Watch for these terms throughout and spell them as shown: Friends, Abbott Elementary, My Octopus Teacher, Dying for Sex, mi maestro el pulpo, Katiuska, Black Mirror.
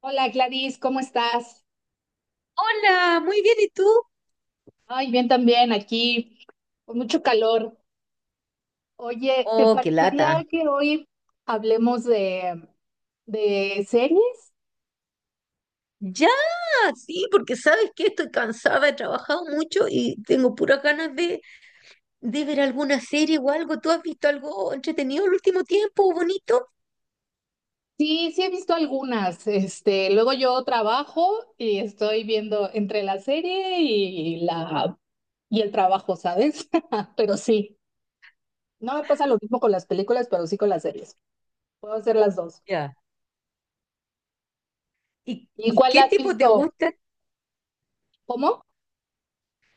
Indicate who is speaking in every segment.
Speaker 1: Hola Gladys, ¿cómo estás?
Speaker 2: Hola, muy bien, ¿y tú?
Speaker 1: Ay, bien también aquí, con mucho calor. Oye, ¿te
Speaker 2: Oh, qué
Speaker 1: parecería
Speaker 2: lata.
Speaker 1: que hoy hablemos de series?
Speaker 2: Ya, sí, porque sabes que estoy cansada, he trabajado mucho y tengo puras ganas de ver alguna serie o algo. ¿Tú has visto algo entretenido el último tiempo, bonito?
Speaker 1: Sí, sí he visto algunas. Este, luego yo trabajo y estoy viendo entre la serie y la y el trabajo, ¿sabes? Pero sí, no me pasa lo mismo con las películas, pero sí con las series. Puedo hacer las dos.
Speaker 2: Ya. ¿Y,
Speaker 1: ¿Y
Speaker 2: y
Speaker 1: cuál
Speaker 2: qué
Speaker 1: has
Speaker 2: tipo te
Speaker 1: visto?
Speaker 2: gustan?
Speaker 1: ¿Cómo?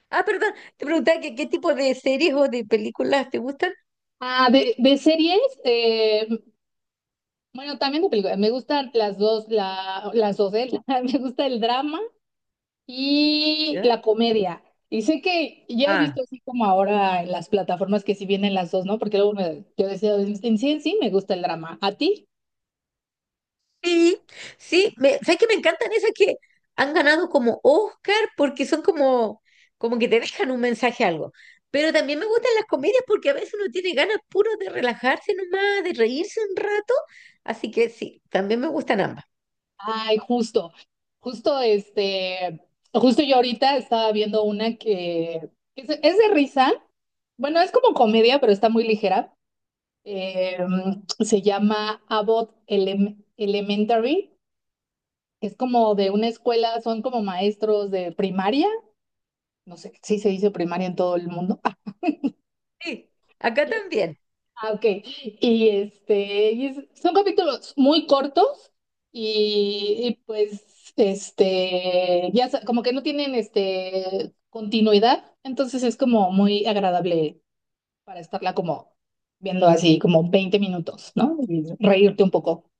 Speaker 2: Ah, perdón, te preguntaba que qué tipo de series o de películas te gustan.
Speaker 1: Ah, de series, eh, bueno, también de películas. Me gustan las dos, las dos, ¿eh? Me gusta el drama y la comedia. Y sé que ya he visto
Speaker 2: ¿Ya?
Speaker 1: así como ahora en las plataformas que sí vienen las dos, ¿no? Porque luego yo decía, en sí me gusta el drama. ¿A ti?
Speaker 2: Sí, sí, me, ¿sabes que me encantan esas que han ganado como Oscar porque son como, como que te dejan un mensaje algo? Pero también me gustan las comedias porque a veces uno tiene ganas puro de relajarse nomás, de reírse un rato. Así que sí, también me gustan ambas.
Speaker 1: Ay, justo este, justo yo ahorita estaba viendo una que es de risa. Bueno, es como comedia, pero está muy ligera. Eh, Se llama Elementary. Es como de una escuela, son como maestros de primaria, no sé si se dice primaria en todo el mundo.
Speaker 2: Sí, acá también.
Speaker 1: Ah, ok. Son capítulos muy cortos como que no tienen este continuidad, entonces es como muy agradable para estarla como viendo así como 20 minutos, ¿no? Y reírte un poco.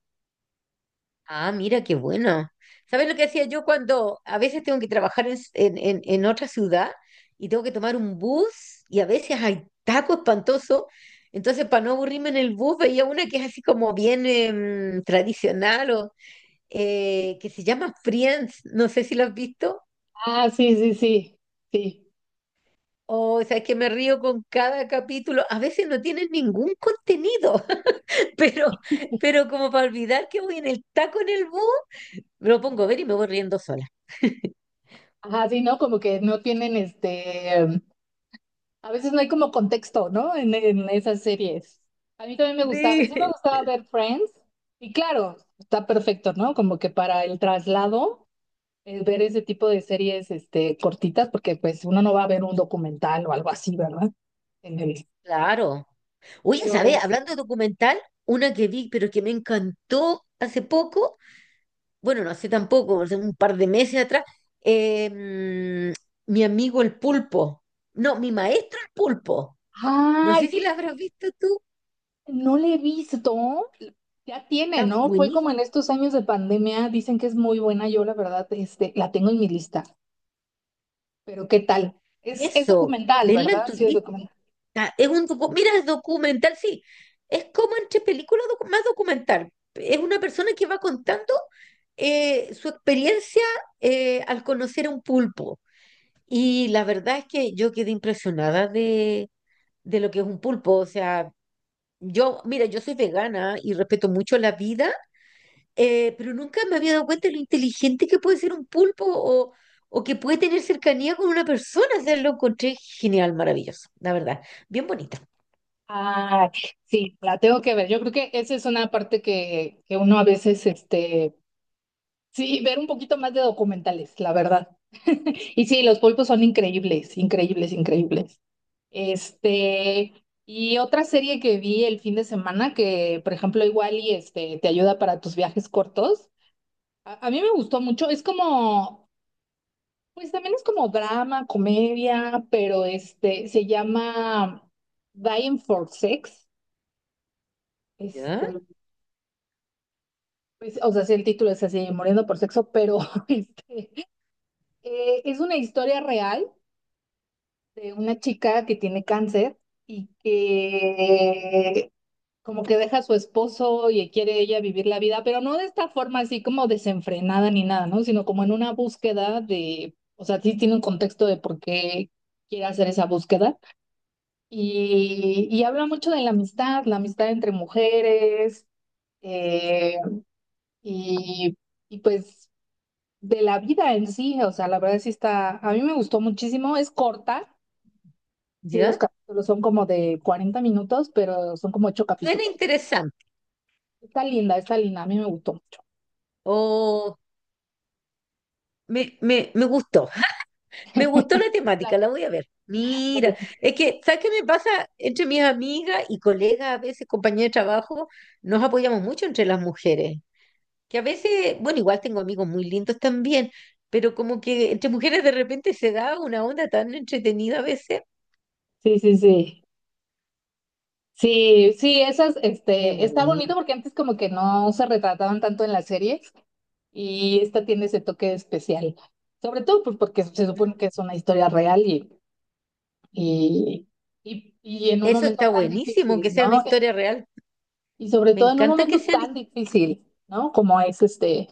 Speaker 2: Ah, mira, qué bueno. ¿Sabes lo que hacía yo cuando a veces tengo que trabajar en otra ciudad y tengo que tomar un bus y a veces hay taco espantoso? Entonces, para no aburrirme en el bus, veía una que es así como bien tradicional o que se llama Friends. No sé si lo has visto.
Speaker 1: Ah, sí, sí, sí, sí.
Speaker 2: Oh, O, sabes que me río con cada capítulo. A veces no tienen ningún contenido, pero, pero como para olvidar que voy en el taco en el bus, me lo pongo a ver y me voy riendo sola.
Speaker 1: Ajá, sí, ¿no? Como que no tienen este, A veces no hay como contexto, ¿no? En esas series. A mí también me gustaba, sí me
Speaker 2: Sí.
Speaker 1: gustaba ver Friends y claro, está perfecto, ¿no? Como que para el traslado, ver ese tipo de series, este, cortitas, porque pues uno no va a ver un documental o algo así, ¿verdad? En el-
Speaker 2: Claro. Oye,
Speaker 1: pero
Speaker 2: ¿sabes?
Speaker 1: es,
Speaker 2: Hablando de documental, una que vi, pero que me encantó hace poco, bueno, no hace tampoco, hace un par de meses atrás, mi amigo el pulpo. No, mi maestro el pulpo. No
Speaker 1: Ay,
Speaker 2: sé si la habrás visto tú.
Speaker 1: no le he visto. Ya tiene,
Speaker 2: Está
Speaker 1: ¿no? Fue
Speaker 2: buenísimo.
Speaker 1: como en estos años de pandemia, dicen que es muy buena, yo la verdad, este, la tengo en mi lista, pero ¿qué tal? Es
Speaker 2: Eso,
Speaker 1: documental,
Speaker 2: tenla en
Speaker 1: ¿verdad?
Speaker 2: tu
Speaker 1: Sí, es
Speaker 2: lista.
Speaker 1: documental.
Speaker 2: Mira, es documental, sí. Es como entre películas más documental. Es una persona que va contando su experiencia al conocer a un pulpo. Y la verdad es que yo quedé impresionada de lo que es un pulpo. O sea, yo, mira, yo soy vegana y respeto mucho la vida, pero nunca me había dado cuenta de lo inteligente que puede ser un pulpo o que puede tener cercanía con una persona. O sea, lo encontré genial, maravilloso, la verdad. Bien bonito.
Speaker 1: Ah, sí, la tengo que ver. Yo creo que esa es una parte que uno a veces, este, sí, ver un poquito más de documentales, la verdad. Y sí, los pulpos son increíbles, increíbles, increíbles. Este, y otra serie que vi el fin de semana que, por ejemplo, igual y este, te ayuda para tus viajes cortos. A mí me gustó mucho. Pues también es como drama, comedia, pero este, se llama Dying for Sex. Este,
Speaker 2: ¿Ya?
Speaker 1: pues, o sea, sí, el título es así, Muriendo por Sexo, pero este, es una historia real de una chica que tiene cáncer y que como que deja a su esposo y quiere ella vivir la vida, pero no de esta forma así como desenfrenada ni nada, ¿no? Sino como en una búsqueda de, o sea, sí tiene un contexto de por qué quiere hacer esa búsqueda. Y habla mucho de la amistad entre mujeres, eh, y, y pues de la vida en sí, o sea, la verdad sí está, a mí me gustó muchísimo, es corta, sí, los
Speaker 2: ¿Ya?
Speaker 1: capítulos son como de 40 minutos, pero son como ocho
Speaker 2: Suena
Speaker 1: capítulos.
Speaker 2: interesante.
Speaker 1: Está linda, a mí me gustó mucho.
Speaker 2: O me gustó. Me gustó la temática, la
Speaker 1: La-
Speaker 2: voy a ver. Mira,
Speaker 1: la-
Speaker 2: es que, ¿sabes qué me pasa? Entre mis amigas y colegas, a veces compañeras de trabajo, nos apoyamos mucho entre las mujeres, que a veces, bueno, igual tengo amigos muy lindos también, pero como que entre mujeres de repente se da una onda tan entretenida a veces.
Speaker 1: Sí, sí, sí. Sí, sí, esas,
Speaker 2: Qué
Speaker 1: este, está bonito
Speaker 2: bueno.
Speaker 1: porque antes como que no se retrataban tanto en las series y esta tiene ese toque especial. Sobre todo pues porque se supone que es una historia real y, y en un
Speaker 2: Eso
Speaker 1: momento
Speaker 2: está
Speaker 1: tan
Speaker 2: buenísimo, que
Speaker 1: difícil,
Speaker 2: sea una
Speaker 1: ¿no?
Speaker 2: historia real.
Speaker 1: Y sobre
Speaker 2: Me
Speaker 1: todo en un
Speaker 2: encanta que
Speaker 1: momento
Speaker 2: sean... his-
Speaker 1: tan difícil, ¿no? Como es este,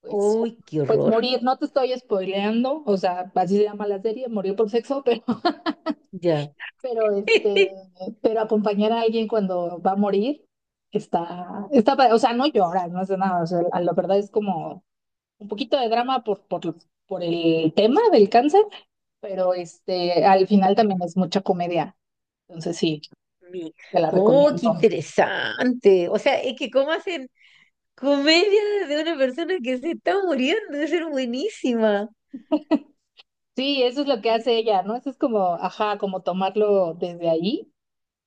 Speaker 1: pues,
Speaker 2: ¡Uy, qué
Speaker 1: pues
Speaker 2: horror!
Speaker 1: morir. No te estoy spoileando, o sea, así se llama la serie, morir por sexo, pero,
Speaker 2: Ya.
Speaker 1: pero este, pero acompañar a alguien cuando va a morir está, o sea, no lloras, no hace nada. O sea, la verdad es como un poquito de drama por el tema del cáncer, pero este, al final también es mucha comedia. Entonces sí,
Speaker 2: Mi-
Speaker 1: te la
Speaker 2: Oh, qué
Speaker 1: recomiendo.
Speaker 2: interesante. O sea, es que cómo hacen, comedia de una persona que se está muriendo, debe ser buenísima.
Speaker 1: Sí, eso es lo que hace ella, ¿no? Eso es como, ajá, como tomarlo desde ahí.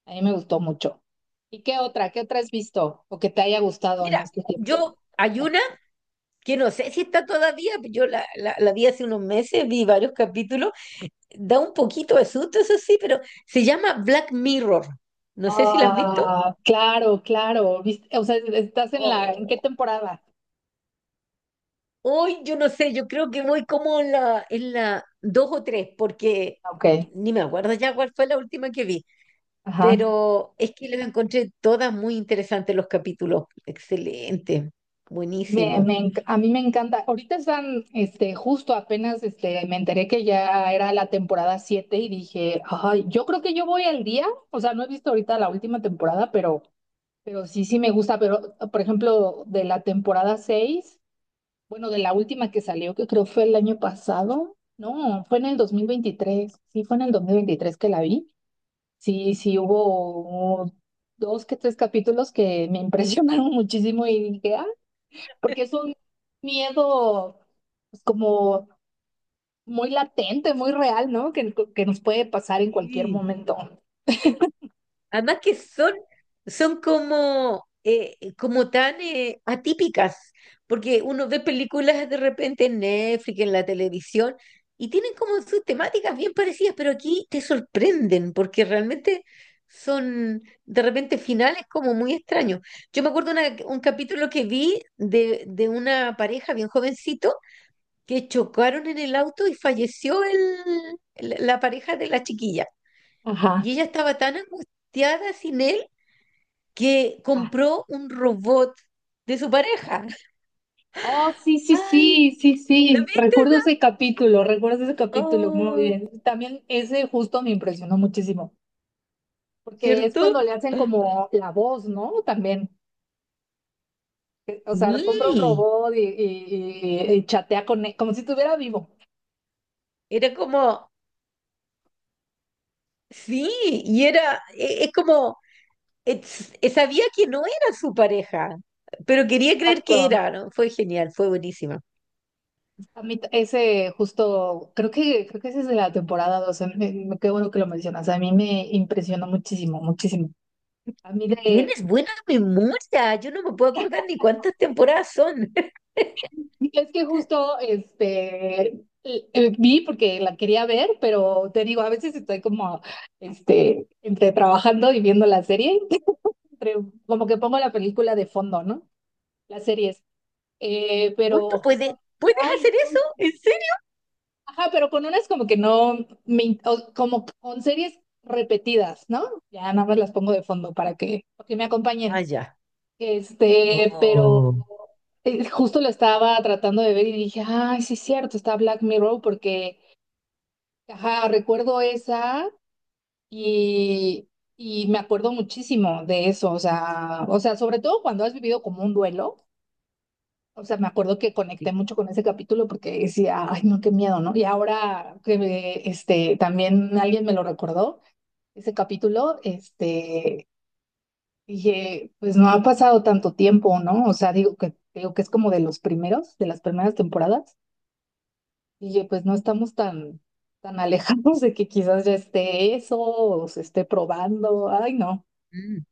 Speaker 1: A mí me gustó mucho. ¿Y qué otra? ¿Qué otra has visto o que te haya gustado en
Speaker 2: Mira,
Speaker 1: este tiempo?
Speaker 2: yo hay una que no sé si está todavía, yo la vi hace unos meses, vi varios capítulos, da un poquito de susto, eso sí, pero se llama Black Mirror. No sé si la has visto.
Speaker 1: Ah, claro, claro. O sea, estás en la, ¿en qué
Speaker 2: Oh,
Speaker 1: temporada?
Speaker 2: hoy yo no sé, yo creo que voy como en la dos o tres, porque
Speaker 1: Ah, ok,
Speaker 2: ni me acuerdo ya cuál fue la última que vi.
Speaker 1: ajá.
Speaker 2: Pero es que los encontré todas muy interesantes los capítulos. Excelente, buenísimo.
Speaker 1: A mí me encanta. Ahorita están, este, justo apenas, este, me enteré que ya era la temporada 7 y dije, ay, yo creo que yo voy al día. O sea, no he visto ahorita la última temporada, pero sí, sí me gusta, pero por ejemplo, de la temporada 6 bueno, de la última que salió, que creo fue el año pasado, no, fue en el 2023 sí, fue en el 2023 que la vi, sí, sí, hubo dos que tres capítulos que me impresionaron muchísimo y dije, ah, porque es un miedo pues, como muy latente, muy real, ¿no? Que nos puede pasar en cualquier
Speaker 2: Sí.
Speaker 1: momento.
Speaker 2: Además que son, son como, como tan atípicas, porque uno ve películas de repente en Netflix, en la televisión, y tienen como sus temáticas bien parecidas, pero aquí te sorprenden, porque realmente son de repente finales como muy extraños. Yo me acuerdo un capítulo que vi de una pareja bien jovencito que chocaron en el auto y falleció la pareja de la chiquilla.
Speaker 1: Ajá.
Speaker 2: Y ella estaba tan angustiada sin él que compró un robot de su pareja.
Speaker 1: Oh, sí, sí,
Speaker 2: Ay,
Speaker 1: sí, sí,
Speaker 2: ¿lo
Speaker 1: sí.
Speaker 2: viste?
Speaker 1: Recuerdo ese capítulo, muy
Speaker 2: Oh,
Speaker 1: bien. También ese justo me impresionó muchísimo, porque es cuando
Speaker 2: ¿cierto?
Speaker 1: le hacen como la voz, ¿no? También, o sea, compra un
Speaker 2: Sí,
Speaker 1: robot y chatea con él, como si estuviera vivo.
Speaker 2: era como, sí, y era, es como, sabía que no era su pareja, pero quería creer que
Speaker 1: Exacto.
Speaker 2: era, ¿no? Fue genial, fue buenísima.
Speaker 1: Ese justo, creo que ese es de la temporada dos qué bueno que lo mencionas, a mí me impresionó muchísimo, muchísimo. A mí de,
Speaker 2: Tienes buena memoria, yo no me puedo acordar ni cuántas temporadas son.
Speaker 1: Y es que justo este vi porque la quería ver, pero te digo, a veces estoy como este entre trabajando y viendo la serie, entre- como que pongo la película de fondo, ¿no? Las series. Eh,
Speaker 2: Uy, ¿tú
Speaker 1: pero justo,
Speaker 2: puedes, puedes
Speaker 1: ay,
Speaker 2: hacer eso?
Speaker 1: entonces,
Speaker 2: ¿En serio?
Speaker 1: ajá, pero con unas como que no me in- o como con series repetidas, ¿no? Ya nada más las pongo de fondo para que me
Speaker 2: Ah,
Speaker 1: acompañen.
Speaker 2: ya.
Speaker 1: Este, pero
Speaker 2: Oh,
Speaker 1: Justo lo estaba tratando de ver y dije, ay, sí es cierto, está Black Mirror porque, ajá, recuerdo esa y, y me acuerdo muchísimo de eso, o sea, sobre todo cuando has vivido como un duelo, o sea, me acuerdo que conecté
Speaker 2: sí.
Speaker 1: mucho con ese capítulo porque decía, ay, no, qué miedo, ¿no? Y ahora que este, también alguien me lo recordó, ese capítulo, este... Dije, pues no ha pasado tanto tiempo, ¿no? O sea, digo que es como de los primeros, de las primeras temporadas. Y dije, pues no estamos tan alejados de que quizás ya esté eso o se esté probando. Ay, no,
Speaker 2: Mm.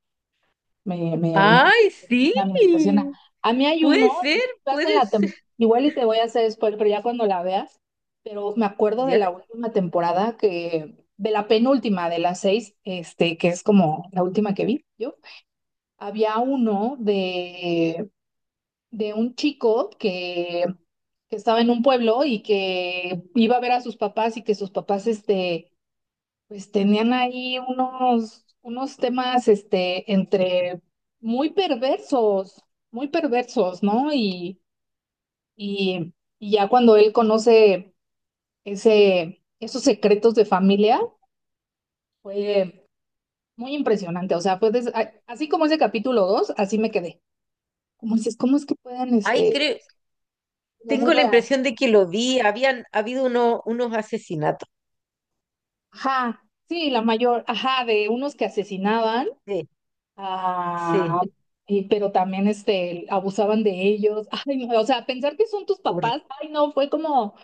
Speaker 1: me
Speaker 2: ¡Ay, sí!
Speaker 1: impresiona, me impresiona. A mí hay uno,
Speaker 2: Puede ser,
Speaker 1: estás en
Speaker 2: puede
Speaker 1: la
Speaker 2: ser.
Speaker 1: tem- igual y te voy a hacer spoiler, pero ya cuando la veas, pero me acuerdo de
Speaker 2: ¿Ya?
Speaker 1: la última temporada que, de la penúltima de las seis, este, que es como la última que vi yo. Había uno de un chico que estaba en un pueblo y que iba a ver a sus papás y que sus papás, este, pues tenían ahí unos temas, este, entre muy perversos, muy perversos, ¿no? Y, y ya cuando él conoce esos secretos de familia, fue muy impresionante. O sea, así como ese capítulo 2 así me quedé. Como dices, ¿cómo es que pueden,
Speaker 2: Ay,
Speaker 1: este,
Speaker 2: creo,
Speaker 1: como muy
Speaker 2: tengo la
Speaker 1: real?
Speaker 2: impresión de que lo vi. Habían habido unos asesinatos.
Speaker 1: Ajá, sí, la mayor, ajá, de unos que asesinaban,
Speaker 2: Sí, sí.
Speaker 1: ah, y, pero también este, abusaban de ellos. Ay, no, o sea, pensar que son tus
Speaker 2: Hor-
Speaker 1: papás, ay, no, fue como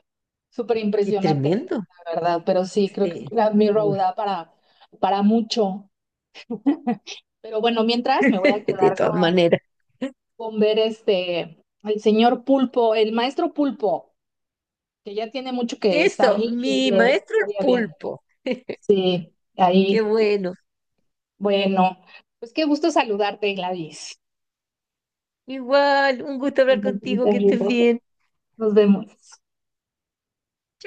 Speaker 1: súper
Speaker 2: qué
Speaker 1: impresionante,
Speaker 2: tremendo.
Speaker 1: la verdad, pero sí, creo que
Speaker 2: Sí.
Speaker 1: es mi road
Speaker 2: Hor-
Speaker 1: da para mucho. Pero bueno, mientras me voy a
Speaker 2: de
Speaker 1: quedar
Speaker 2: todas maneras.
Speaker 1: con ver este, el señor Pulpo, el maestro Pulpo, que ya tiene mucho que está
Speaker 2: Eso,
Speaker 1: ahí y
Speaker 2: mi
Speaker 1: le
Speaker 2: maestro el
Speaker 1: estaría bien.
Speaker 2: pulpo.
Speaker 1: Sí,
Speaker 2: Qué
Speaker 1: ahí.
Speaker 2: bueno.
Speaker 1: Bueno, pues qué gusto saludarte, Gladys.
Speaker 2: Igual, un gusto hablar contigo, que estés bien.
Speaker 1: Nos vemos.